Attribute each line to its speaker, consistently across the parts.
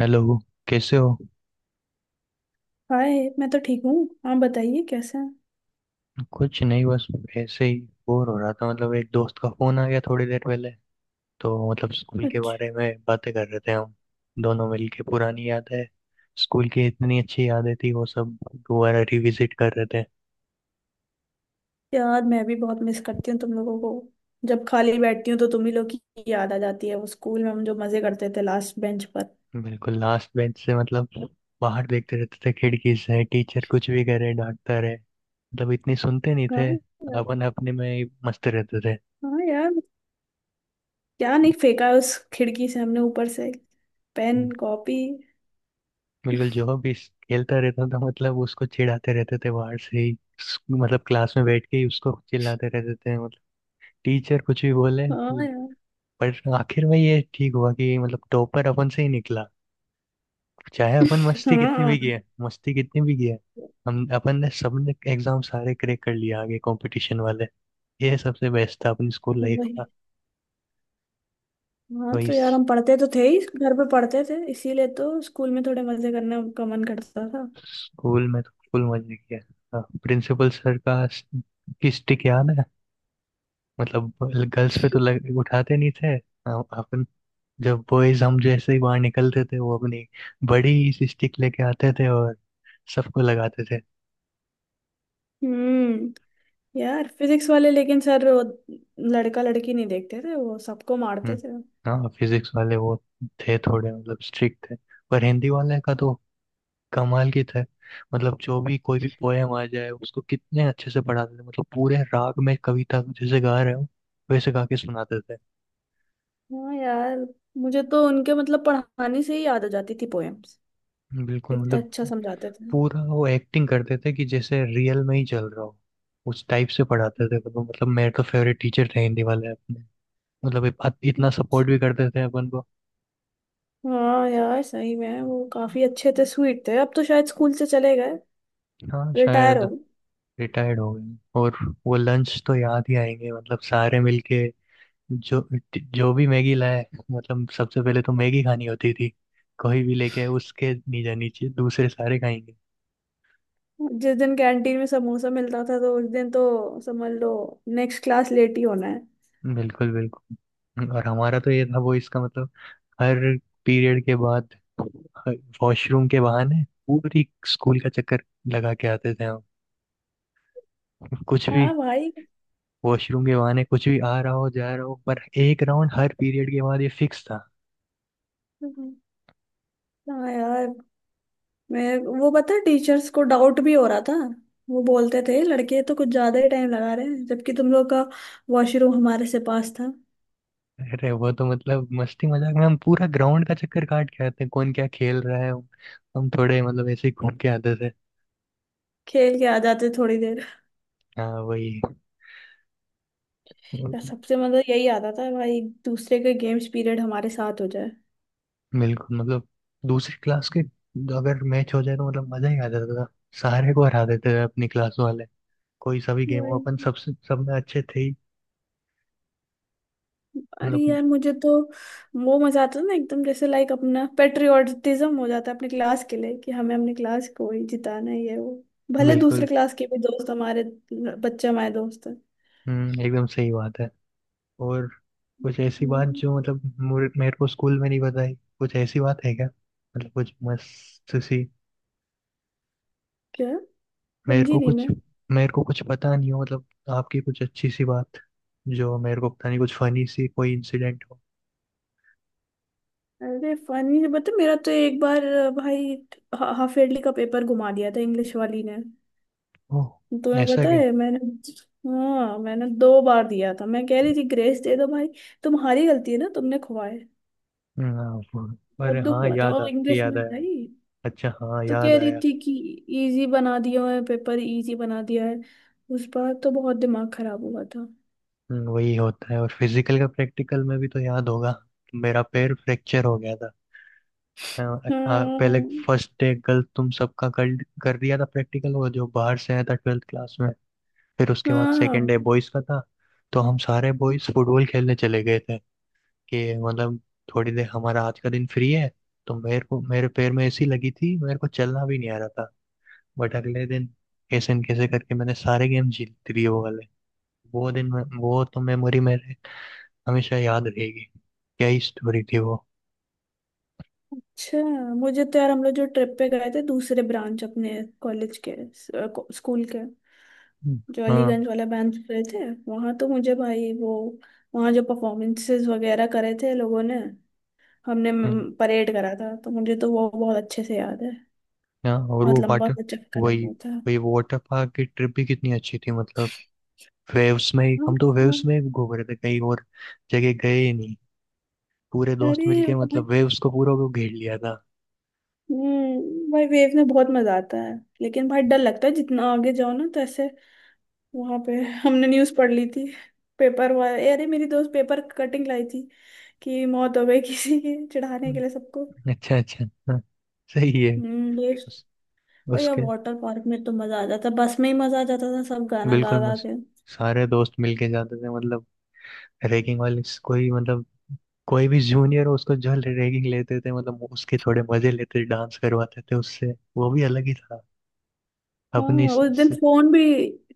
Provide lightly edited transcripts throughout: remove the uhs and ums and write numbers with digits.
Speaker 1: Hello, कैसे हो।
Speaker 2: Hi. मैं तो ठीक हूँ, आप बताइए कैसे हैं।
Speaker 1: कुछ नहीं, बस ऐसे ही बोर हो रहा था। मतलब एक दोस्त का फोन आ गया थोड़ी देर पहले, तो मतलब स्कूल के
Speaker 2: अच्छा।
Speaker 1: बारे में बातें कर रहे थे हम दोनों मिलके। पुरानी यादें, स्कूल की इतनी अच्छी यादें थी, वो सब दोबारा रिविजिट कर रहे थे।
Speaker 2: यार मैं भी बहुत मिस करती हूँ तुम लोगों को। जब खाली बैठती हूँ तो तुम ही लोग की याद आ जाती है, वो स्कूल में हम जो मजे करते थे लास्ट बेंच पर।
Speaker 1: बिल्कुल लास्ट बेंच से, मतलब बाहर देखते रहते थे खिड़की से। टीचर कुछ भी करे, डांटता रहे, मतलब इतनी सुनते नहीं
Speaker 2: हाँ
Speaker 1: थे।
Speaker 2: यार
Speaker 1: अपन अपने में ही मस्त रहते
Speaker 2: हाँ यार, क्या नहीं फेंका है उस खिड़की से हमने ऊपर से, पेन
Speaker 1: थे।
Speaker 2: कॉपी।
Speaker 1: बिल्कुल, जो भी खेलता रहता था मतलब उसको चिढ़ाते रहते थे बाहर से ही। मतलब क्लास में बैठ के ही उसको चिल्लाते रहते थे। मतलब टीचर कुछ भी बोले,
Speaker 2: हाँ, यार।
Speaker 1: पर आखिर में ये ठीक हुआ कि मतलब टॉपर अपन से ही निकला। चाहे अपन मस्ती कितनी भी
Speaker 2: हाँ,
Speaker 1: किए, मस्ती कितनी भी किए, हम अपन ने सबने एग्जाम सारे क्रैक कर लिए आगे कंपटीशन वाले। ये सबसे बेस्ट था अपनी स्कूल लाइफ का।
Speaker 2: वही। हाँ,
Speaker 1: वही,
Speaker 2: तो यार हम पढ़ते तो थे ही, घर पे पढ़ते थे इसीलिए तो स्कूल में थोड़े मजे करने का मन करता था।
Speaker 1: स्कूल में तो फुल मजे किया। प्रिंसिपल सर का की स्टिक याद है, मतलब गर्ल्स पे तो उठाते नहीं थे। अपन जब बॉयज, हम जैसे ही बाहर निकलते थे, वो अपनी बड़ी सी स्टिक लेके आते थे और सबको लगाते थे।
Speaker 2: हम्म। यार फिजिक्स वाले लेकिन सर, वो लड़का लड़की नहीं देखते थे, वो सबको मारते
Speaker 1: हम्म।
Speaker 2: थे।
Speaker 1: हाँ, फिजिक्स वाले वो थे थोड़े मतलब स्ट्रिक्ट थे। पर हिंदी वाले का तो कमाल की थे। मतलब जो भी, कोई भी पोएम आ जाए, उसको कितने अच्छे से पढ़ाते थे। मतलब पूरे राग में कविता जैसे गा रहे हो, वैसे गा के सुनाते थे।
Speaker 2: हाँ यार, मुझे तो उनके मतलब पढ़ाने से ही याद आ जाती थी पोएम्स।
Speaker 1: बिल्कुल
Speaker 2: इतना
Speaker 1: मतलब
Speaker 2: अच्छा समझाते थे।
Speaker 1: पूरा वो एक्टिंग करते थे कि जैसे रियल में ही चल रहा हो, उस टाइप से पढ़ाते थे। मतलब मेरे तो फेवरेट टीचर थे हिंदी वाले अपने। मतलब इतना सपोर्ट भी करते थे अपन को।
Speaker 2: हाँ यार, सही में वो काफी अच्छे थे, स्वीट थे। अब तो शायद स्कूल से चले गए,
Speaker 1: हाँ
Speaker 2: रिटायर
Speaker 1: शायद
Speaker 2: हो गए।
Speaker 1: रिटायर्ड हो गए। और वो लंच तो याद ही आएंगे, मतलब सारे मिलके जो, जो भी मैगी लाए, मतलब सबसे पहले तो मैगी खानी होती थी। कोई भी लेके उसके नहीं जानी चाहिए, दूसरे सारे खाएंगे।
Speaker 2: जिस दिन कैंटीन में समोसा मिलता था तो उस दिन तो समझ लो नेक्स्ट क्लास लेट ही होना है।
Speaker 1: बिल्कुल बिल्कुल और हमारा तो ये था, वो इसका मतलब हर पीरियड के बाद वॉशरूम के बहाने पूरी स्कूल का चक्कर लगा के आते थे हम। कुछ भी,
Speaker 2: हाँ, भाई।
Speaker 1: वॉशरूम के बहाने कुछ भी, आ रहा हो जा रहा हो, पर एक राउंड हर पीरियड के बाद ये फिक्स था।
Speaker 2: हाँ यार, मैं वो पता है टीचर्स को डाउट भी हो रहा था। वो बोलते थे लड़के तो कुछ ज्यादा ही टाइम लगा रहे हैं, जबकि तुम लोग का वॉशरूम हमारे से पास था।
Speaker 1: अरे वो तो मतलब मस्ती मजाक में हम पूरा ग्राउंड का चक्कर काट के आते हैं, कौन क्या खेल रहा है। हम थोड़े मतलब ऐसे ही घूम के आते थे।
Speaker 2: खेल के आ जाते थोड़ी देर।
Speaker 1: हाँ वही।
Speaker 2: या सबसे मतलब यही आता था भाई, दूसरे का गेम्स पीरियड हमारे साथ हो जाए।
Speaker 1: बिल्कुल मतलब दूसरी क्लास के अगर मैच हो जाए तो मतलब मजा ही आ जाता था। सारे को हरा देते थे अपनी क्लास वाले। कोई सभी गेम हो,
Speaker 2: भाई,
Speaker 1: अपन सबसे, सब में अच्छे थे ही।
Speaker 2: अरे
Speaker 1: मतलब
Speaker 2: यार मुझे तो वो मजा आता था ना एकदम, जैसे लाइक अपना पेट्रियोटिज्म हो जाता है अपने क्लास के लिए कि हमें अपने क्लास को ही जिताना है, ये वो भले दूसरे
Speaker 1: बिल्कुल।
Speaker 2: क्लास के भी दोस्त हमारे, बच्चे हमारे दोस्त हैं।
Speaker 1: एकदम सही बात है। और कुछ ऐसी बात
Speaker 2: हम्म,
Speaker 1: जो मतलब मेरे को स्कूल में नहीं बताई, कुछ ऐसी बात है क्या? मतलब कुछ मस्त सी,
Speaker 2: क्या?
Speaker 1: मेरे
Speaker 2: समझी
Speaker 1: को
Speaker 2: नहीं
Speaker 1: कुछ,
Speaker 2: मैं।
Speaker 1: मेरे को कुछ पता नहीं हो, मतलब आपकी कुछ अच्छी सी बात जो मेरे को पता नहीं, कुछ फनी सी कोई इंसिडेंट हो।
Speaker 2: अरे फनी? बता। मेरा तो एक बार भाई हाफ ईयरली का पेपर घुमा दिया था इंग्लिश वाली ने।
Speaker 1: ओह,
Speaker 2: तुम्हें
Speaker 1: ऐसा
Speaker 2: पता
Speaker 1: क्या।
Speaker 2: है मैंने? हाँ मैंने दो बार दिया था, मैं कह रही थी ग्रेस दे दो भाई, तुम्हारी गलती है ना, तुमने खुआए।
Speaker 1: हाँ,
Speaker 2: बहुत
Speaker 1: अरे
Speaker 2: दुख
Speaker 1: हाँ,
Speaker 2: हुआ था और इंग्लिश
Speaker 1: याद
Speaker 2: में
Speaker 1: आया।
Speaker 2: भाई,
Speaker 1: अच्छा हाँ,
Speaker 2: तो
Speaker 1: याद
Speaker 2: कह रही
Speaker 1: आया।
Speaker 2: थी कि इजी बना दिया है पेपर, इजी बना दिया है। उस बार तो बहुत दिमाग खराब हुआ था।
Speaker 1: वही होता है। और फिजिकल का प्रैक्टिकल में भी तो याद होगा, मेरा पैर फ्रैक्चर हो गया था। हाँ। हाँ, पहले
Speaker 2: हाँ।
Speaker 1: फर्स्ट डे गलत तुम सबका कर कर दिया था प्रैक्टिकल, वो जो बाहर से आया था ट्वेल्थ क्लास में। फिर उसके बाद
Speaker 2: हाँ।
Speaker 1: सेकेंड डे बॉयज का था, तो हम सारे बॉयज फुटबॉल खेलने चले गए थे। कि मतलब थोड़ी देर हमारा आज का दिन फ्री है। तो मेरे को, मेरे पैर में ऐसी लगी थी, मेरे को चलना भी नहीं आ रहा था। बट अगले दिन कैसे न कैसे करके मैंने सारे गेम जीत लिए वो वाले। वो दिन में वो तो मेमोरी मेरे हमेशा याद रहेगी। क्या ही स्टोरी थी वो।
Speaker 2: अच्छा। मुझे तो यार हम लोग जो ट्रिप पे गए थे दूसरे ब्रांच अपने कॉलेज के, स्कूल के,
Speaker 1: हम्म।
Speaker 2: जो
Speaker 1: हाँ।
Speaker 2: अलीगंज वाला ब्रांच गए थे, वहां तो मुझे भाई वो, वहां जो परफॉर्मेंसेस वगैरह करे थे लोगों ने, हमने
Speaker 1: हम्म।
Speaker 2: परेड करा था, तो मुझे तो वो बहुत अच्छे से याद है।
Speaker 1: हाँ, और
Speaker 2: बहुत
Speaker 1: वो
Speaker 2: लंबा
Speaker 1: वाटर,
Speaker 2: सा चक्कर
Speaker 1: वही,
Speaker 2: लगा था।
Speaker 1: वही वाटर पार्क की ट्रिप भी कितनी अच्छी थी, मतलब वेव्स में ही,
Speaker 2: हाँ।
Speaker 1: हम तो वेव्स
Speaker 2: हाँ।
Speaker 1: में ही घूम रहे थे, कहीं और जगह गए ही नहीं। पूरे दोस्त
Speaker 2: अरे
Speaker 1: मिलके
Speaker 2: भाई,
Speaker 1: मतलब वेव्स को पूरा को घेर लिया था।
Speaker 2: भाई वेव में बहुत मजा आता है, लेकिन भाई डर लगता है जितना आगे जाओ ना तो ऐसे। वहां पे हमने न्यूज पढ़ ली थी, पेपर हुआ, अरे मेरी दोस्त पेपर कटिंग लाई थी कि मौत हो गई किसी की, चढ़ाने के लिए
Speaker 1: हम्म।
Speaker 2: सबको।
Speaker 1: अच्छा अच्छा हाँ, सही है।
Speaker 2: हम्म, बेस्ट।
Speaker 1: उस,
Speaker 2: भैया
Speaker 1: उसके,
Speaker 2: वाटर पार्क में तो मजा आ जाता, बस में ही मजा आ जाता था सब गाना गा
Speaker 1: बिल्कुल
Speaker 2: गा
Speaker 1: मस्त,
Speaker 2: के।
Speaker 1: सारे दोस्त मिलके जाते थे। मतलब रैगिंग वाले कोई मतलब कोई भी जूनियर हो, उसको जो रैगिंग लेते थे, मतलब वो उसके थोड़े मजे लेते थे, डांस करवाते थे उससे। वो भी अलग ही था अपने
Speaker 2: हाँ उस दिन फोन भी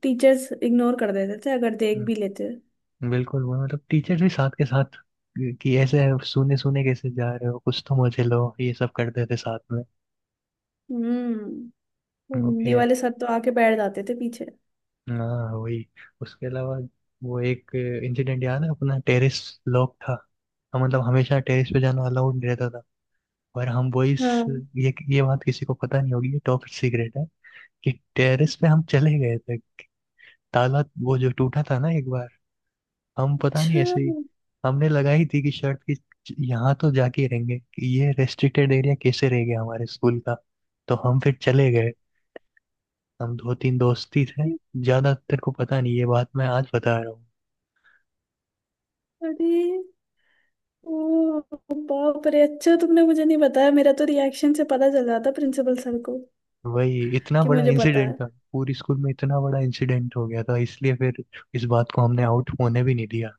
Speaker 2: टीचर्स इग्नोर कर देते थे अगर देख भी
Speaker 1: हम्म,
Speaker 2: लेते।
Speaker 1: बिल्कुल वो मतलब टीचर भी साथ के साथ कि ऐसे सुने सुने कैसे जा रहे हो, कुछ तो मजे लो, ये सब करते थे साथ में।
Speaker 2: हम्म। वो
Speaker 1: वो
Speaker 2: हिंदी
Speaker 1: खेल,
Speaker 2: वाले सर तो आके बैठ जाते थे पीछे।
Speaker 1: हाँ वही, उसके अलावा वो एक इंसिडेंट याद है अपना। टेरेस लॉक था, हम मतलब हमेशा टेरेस पे जाना अलाउड नहीं रहता था। पर हम बॉयज,
Speaker 2: हाँ।
Speaker 1: ये बात किसी को पता नहीं होगी, ये टॉप सीक्रेट है कि टेरेस पे हम चले गए थे। ताला वो जो टूटा था ना एक बार, हम पता नहीं
Speaker 2: अच्छा।
Speaker 1: ऐसे ही हमने लगाई थी कि शर्ट की, यहाँ तो जाके ही रहेंगे कि ये रेस्ट्रिक्टेड एरिया कैसे रह गया हमारे स्कूल का। तो हम फिर चले गए, हम दो तीन दोस्त ही थे, ज्यादा तेरे को पता नहीं, ये बात मैं आज बता रहा हूँ।
Speaker 2: अरे, ओ, बाप रे। अच्छा तुमने मुझे नहीं बताया? मेरा तो रिएक्शन से पता चल जाता प्रिंसिपल सर को
Speaker 1: वही, इतना
Speaker 2: कि
Speaker 1: बड़ा
Speaker 2: मुझे पता
Speaker 1: इंसिडेंट
Speaker 2: है।
Speaker 1: था, पूरी स्कूल में इतना बड़ा इंसिडेंट हो गया था, इसलिए फिर इस बात को हमने आउट होने भी नहीं दिया,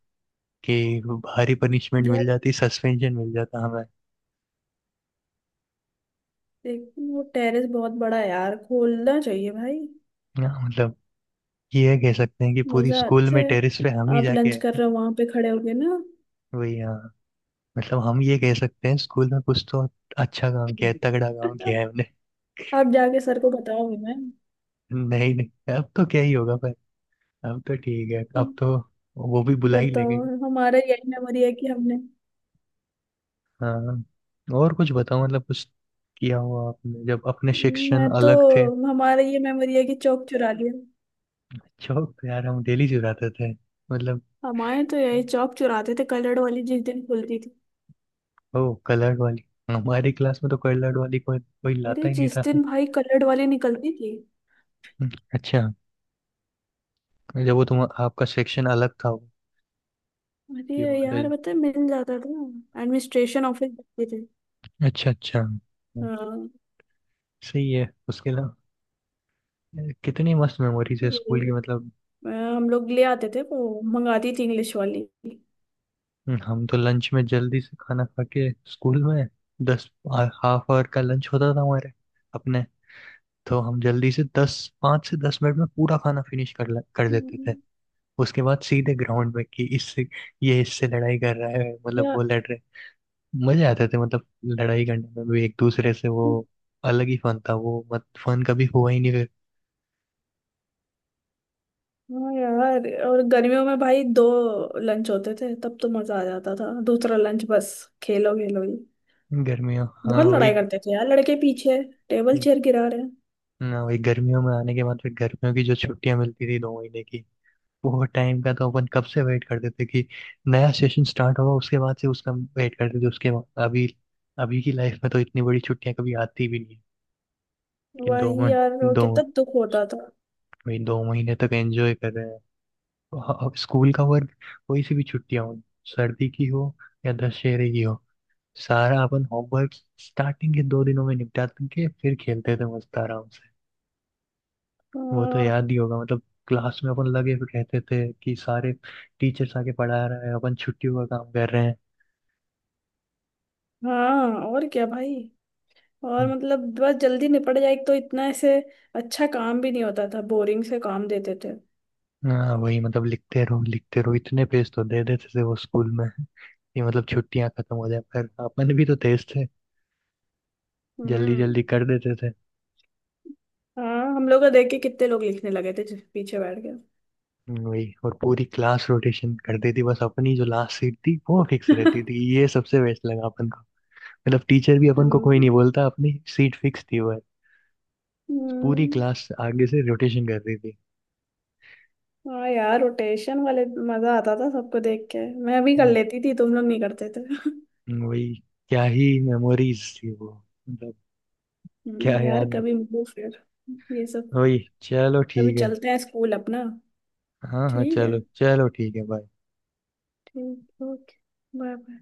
Speaker 1: कि भारी पनिशमेंट
Speaker 2: यार
Speaker 1: मिल जाती, सस्पेंशन मिल जाता हमें।
Speaker 2: देख वो टेरेस बहुत बड़ा है यार, खोलना चाहिए भाई।
Speaker 1: ना मतलब ये कह सकते हैं कि पूरी
Speaker 2: मजा
Speaker 1: स्कूल
Speaker 2: आता
Speaker 1: में
Speaker 2: है।
Speaker 1: टेरेस पे हम ही
Speaker 2: आप
Speaker 1: जाके
Speaker 2: लंच कर
Speaker 1: आए।
Speaker 2: रहे हो, वहां पे खड़े होगे ना।
Speaker 1: वही हाँ, मतलब हम ये कह सकते हैं स्कूल में कुछ तो अच्छा काम किया है, तगड़ा काम किया है हमने।
Speaker 2: आप जाके सर को बताओगे? मैं
Speaker 1: नहीं नहीं, अब तो क्या ही होगा, पर अब तो ठीक है, अब तो वो भी बुला ही
Speaker 2: बताओ?
Speaker 1: लेंगे।
Speaker 2: हमारा यही मेमोरी है कि हमने,
Speaker 1: हाँ, और कुछ बताओ, मतलब कुछ किया हुआ आपने जब अपने
Speaker 2: मैं
Speaker 1: शिक्षण
Speaker 2: तो,
Speaker 1: अलग थे।
Speaker 2: हमारा ये मेमोरी है कि चौक चुरा लिया।
Speaker 1: चौक पे यार, हम डेली चुराते थे, मतलब।
Speaker 2: हमारे तो यही चौक चुराते थे, कलर्ड वाली जिस दिन खुलती थी।
Speaker 1: ओ कलर्ड वाली, हमारी क्लास में तो कलर्ड वाली कोई कोई लाता
Speaker 2: अरे
Speaker 1: ही नहीं
Speaker 2: जिस
Speaker 1: था।
Speaker 2: दिन भाई कलर्ड वाली निकलती थी।
Speaker 1: अच्छा, जब वो तुम, आपका सेक्शन अलग था
Speaker 2: अरे
Speaker 1: की बात है।
Speaker 2: यार, पता है मिल जाता था, एडमिनिस्ट्रेशन ऑफिस जाते थे।
Speaker 1: अच्छा अच्छा
Speaker 2: हाँ।
Speaker 1: सही है। उसके अलावा कितनी मस्त मेमोरीज
Speaker 2: तो
Speaker 1: है
Speaker 2: वही।
Speaker 1: स्कूल की, मतलब।
Speaker 2: अ, हम लोग ले आते थे, वो मंगाती थी इंग्लिश वाली।
Speaker 1: हम तो लंच में जल्दी से खाना खा के स्कूल में, दस, हाफ आवर का लंच होता था हमारे अपने। तो हम जल्दी से दस, पाँच से दस मिनट में पूरा खाना फिनिश कर लेते थे।
Speaker 2: हम्म,
Speaker 1: उसके बाद सीधे ग्राउंड में कि इससे, ये इससे लड़ाई कर रहा है, मतलब
Speaker 2: या
Speaker 1: वो लड़ रहे, मजे आते थे। मतलब लड़ाई करने में भी एक दूसरे से, वो अलग ही फन था, वो मत फन कभी हुआ ही नहीं फिर।
Speaker 2: हाँ। यार और गर्मियों में भाई दो लंच होते थे, तब तो मजा आ जाता था दूसरा लंच, बस खेलो खेलो ही।
Speaker 1: गर्मियों, हाँ
Speaker 2: बहुत
Speaker 1: वही।
Speaker 2: लड़ाई करते थे यार लड़के पीछे, टेबल चेयर गिरा रहे हैं।
Speaker 1: ना वही, गर्मियों में आने के बाद फिर गर्मियों की जो छुट्टियां मिलती थी दो महीने की, वो टाइम का तो अपन कब से वेट करते थे कि नया सेशन स्टार्ट होगा उसके बाद से, उसका वेट करते थे उसके बाद। अभी, अभी की लाइफ में तो इतनी बड़ी छुट्टियां कभी आती भी नहीं, कि दो
Speaker 2: वही
Speaker 1: मन,
Speaker 2: यार, वो
Speaker 1: दो,
Speaker 2: कितना दुख होता था।
Speaker 1: वही दो महीने तक एंजॉय कर रहे हैं। अब स्कूल का वर्क, कोई सी भी छुट्टियां हो, सर्दी की हो या दशहरे की हो, सारा अपन होमवर्क स्टार्टिंग के दो दिनों में निपटा के फिर खेलते थे मस्त आराम। वो तो
Speaker 2: हाँ।
Speaker 1: याद ही होगा, मतलब क्लास में अपन लगे हुए कहते थे कि सारे टीचर्स आके पढ़ा रहे हैं, अपन छुट्टियों का काम कर रहे हैं।
Speaker 2: हाँ और क्या भाई, और
Speaker 1: हम्म।
Speaker 2: मतलब बस जल्दी निपट जाए, एक तो इतना ऐसे अच्छा काम भी नहीं होता था, बोरिंग से काम देते थे।
Speaker 1: हाँ वही, मतलब लिखते रहो इतने पेज तो दे देते थे वो स्कूल में कि मतलब छुट्टियां खत्म हो जाए, पर अपन भी तो तेज थे, जल्दी
Speaker 2: हम्म।
Speaker 1: जल्दी कर देते थे।
Speaker 2: हाँ हम लोग का देख के कितने लोग लिखने लगे थे, पीछे बैठ के।
Speaker 1: वही, और पूरी क्लास रोटेशन कर देती, बस अपनी जो लास्ट सीट थी वो फिक्स रहती थी, ये सबसे बेस्ट लगा अपन को। मतलब टीचर भी अपन को कोई नहीं
Speaker 2: हम्म।
Speaker 1: बोलता, अपनी सीट फिक्स थी, वह पूरी
Speaker 2: हम्म,
Speaker 1: क्लास आगे से रोटेशन कर रही
Speaker 2: हाँ यार रोटेशन वाले मजा आता था सबको देख के। मैं भी कर
Speaker 1: थी।
Speaker 2: लेती थी, तुम लोग नहीं करते थे।
Speaker 1: वही, क्या ही मेमोरीज थी वो, मतलब, क्या
Speaker 2: यार
Speaker 1: याद।
Speaker 2: कभी मिलो फिर ये सब।
Speaker 1: वही चलो
Speaker 2: कभी
Speaker 1: ठीक है।
Speaker 2: चलते हैं स्कूल अपना।
Speaker 1: हाँ हाँ,
Speaker 2: ठीक है।
Speaker 1: चलो चलो, ठीक है, बाय।
Speaker 2: ठीक। ओके। Bye bye.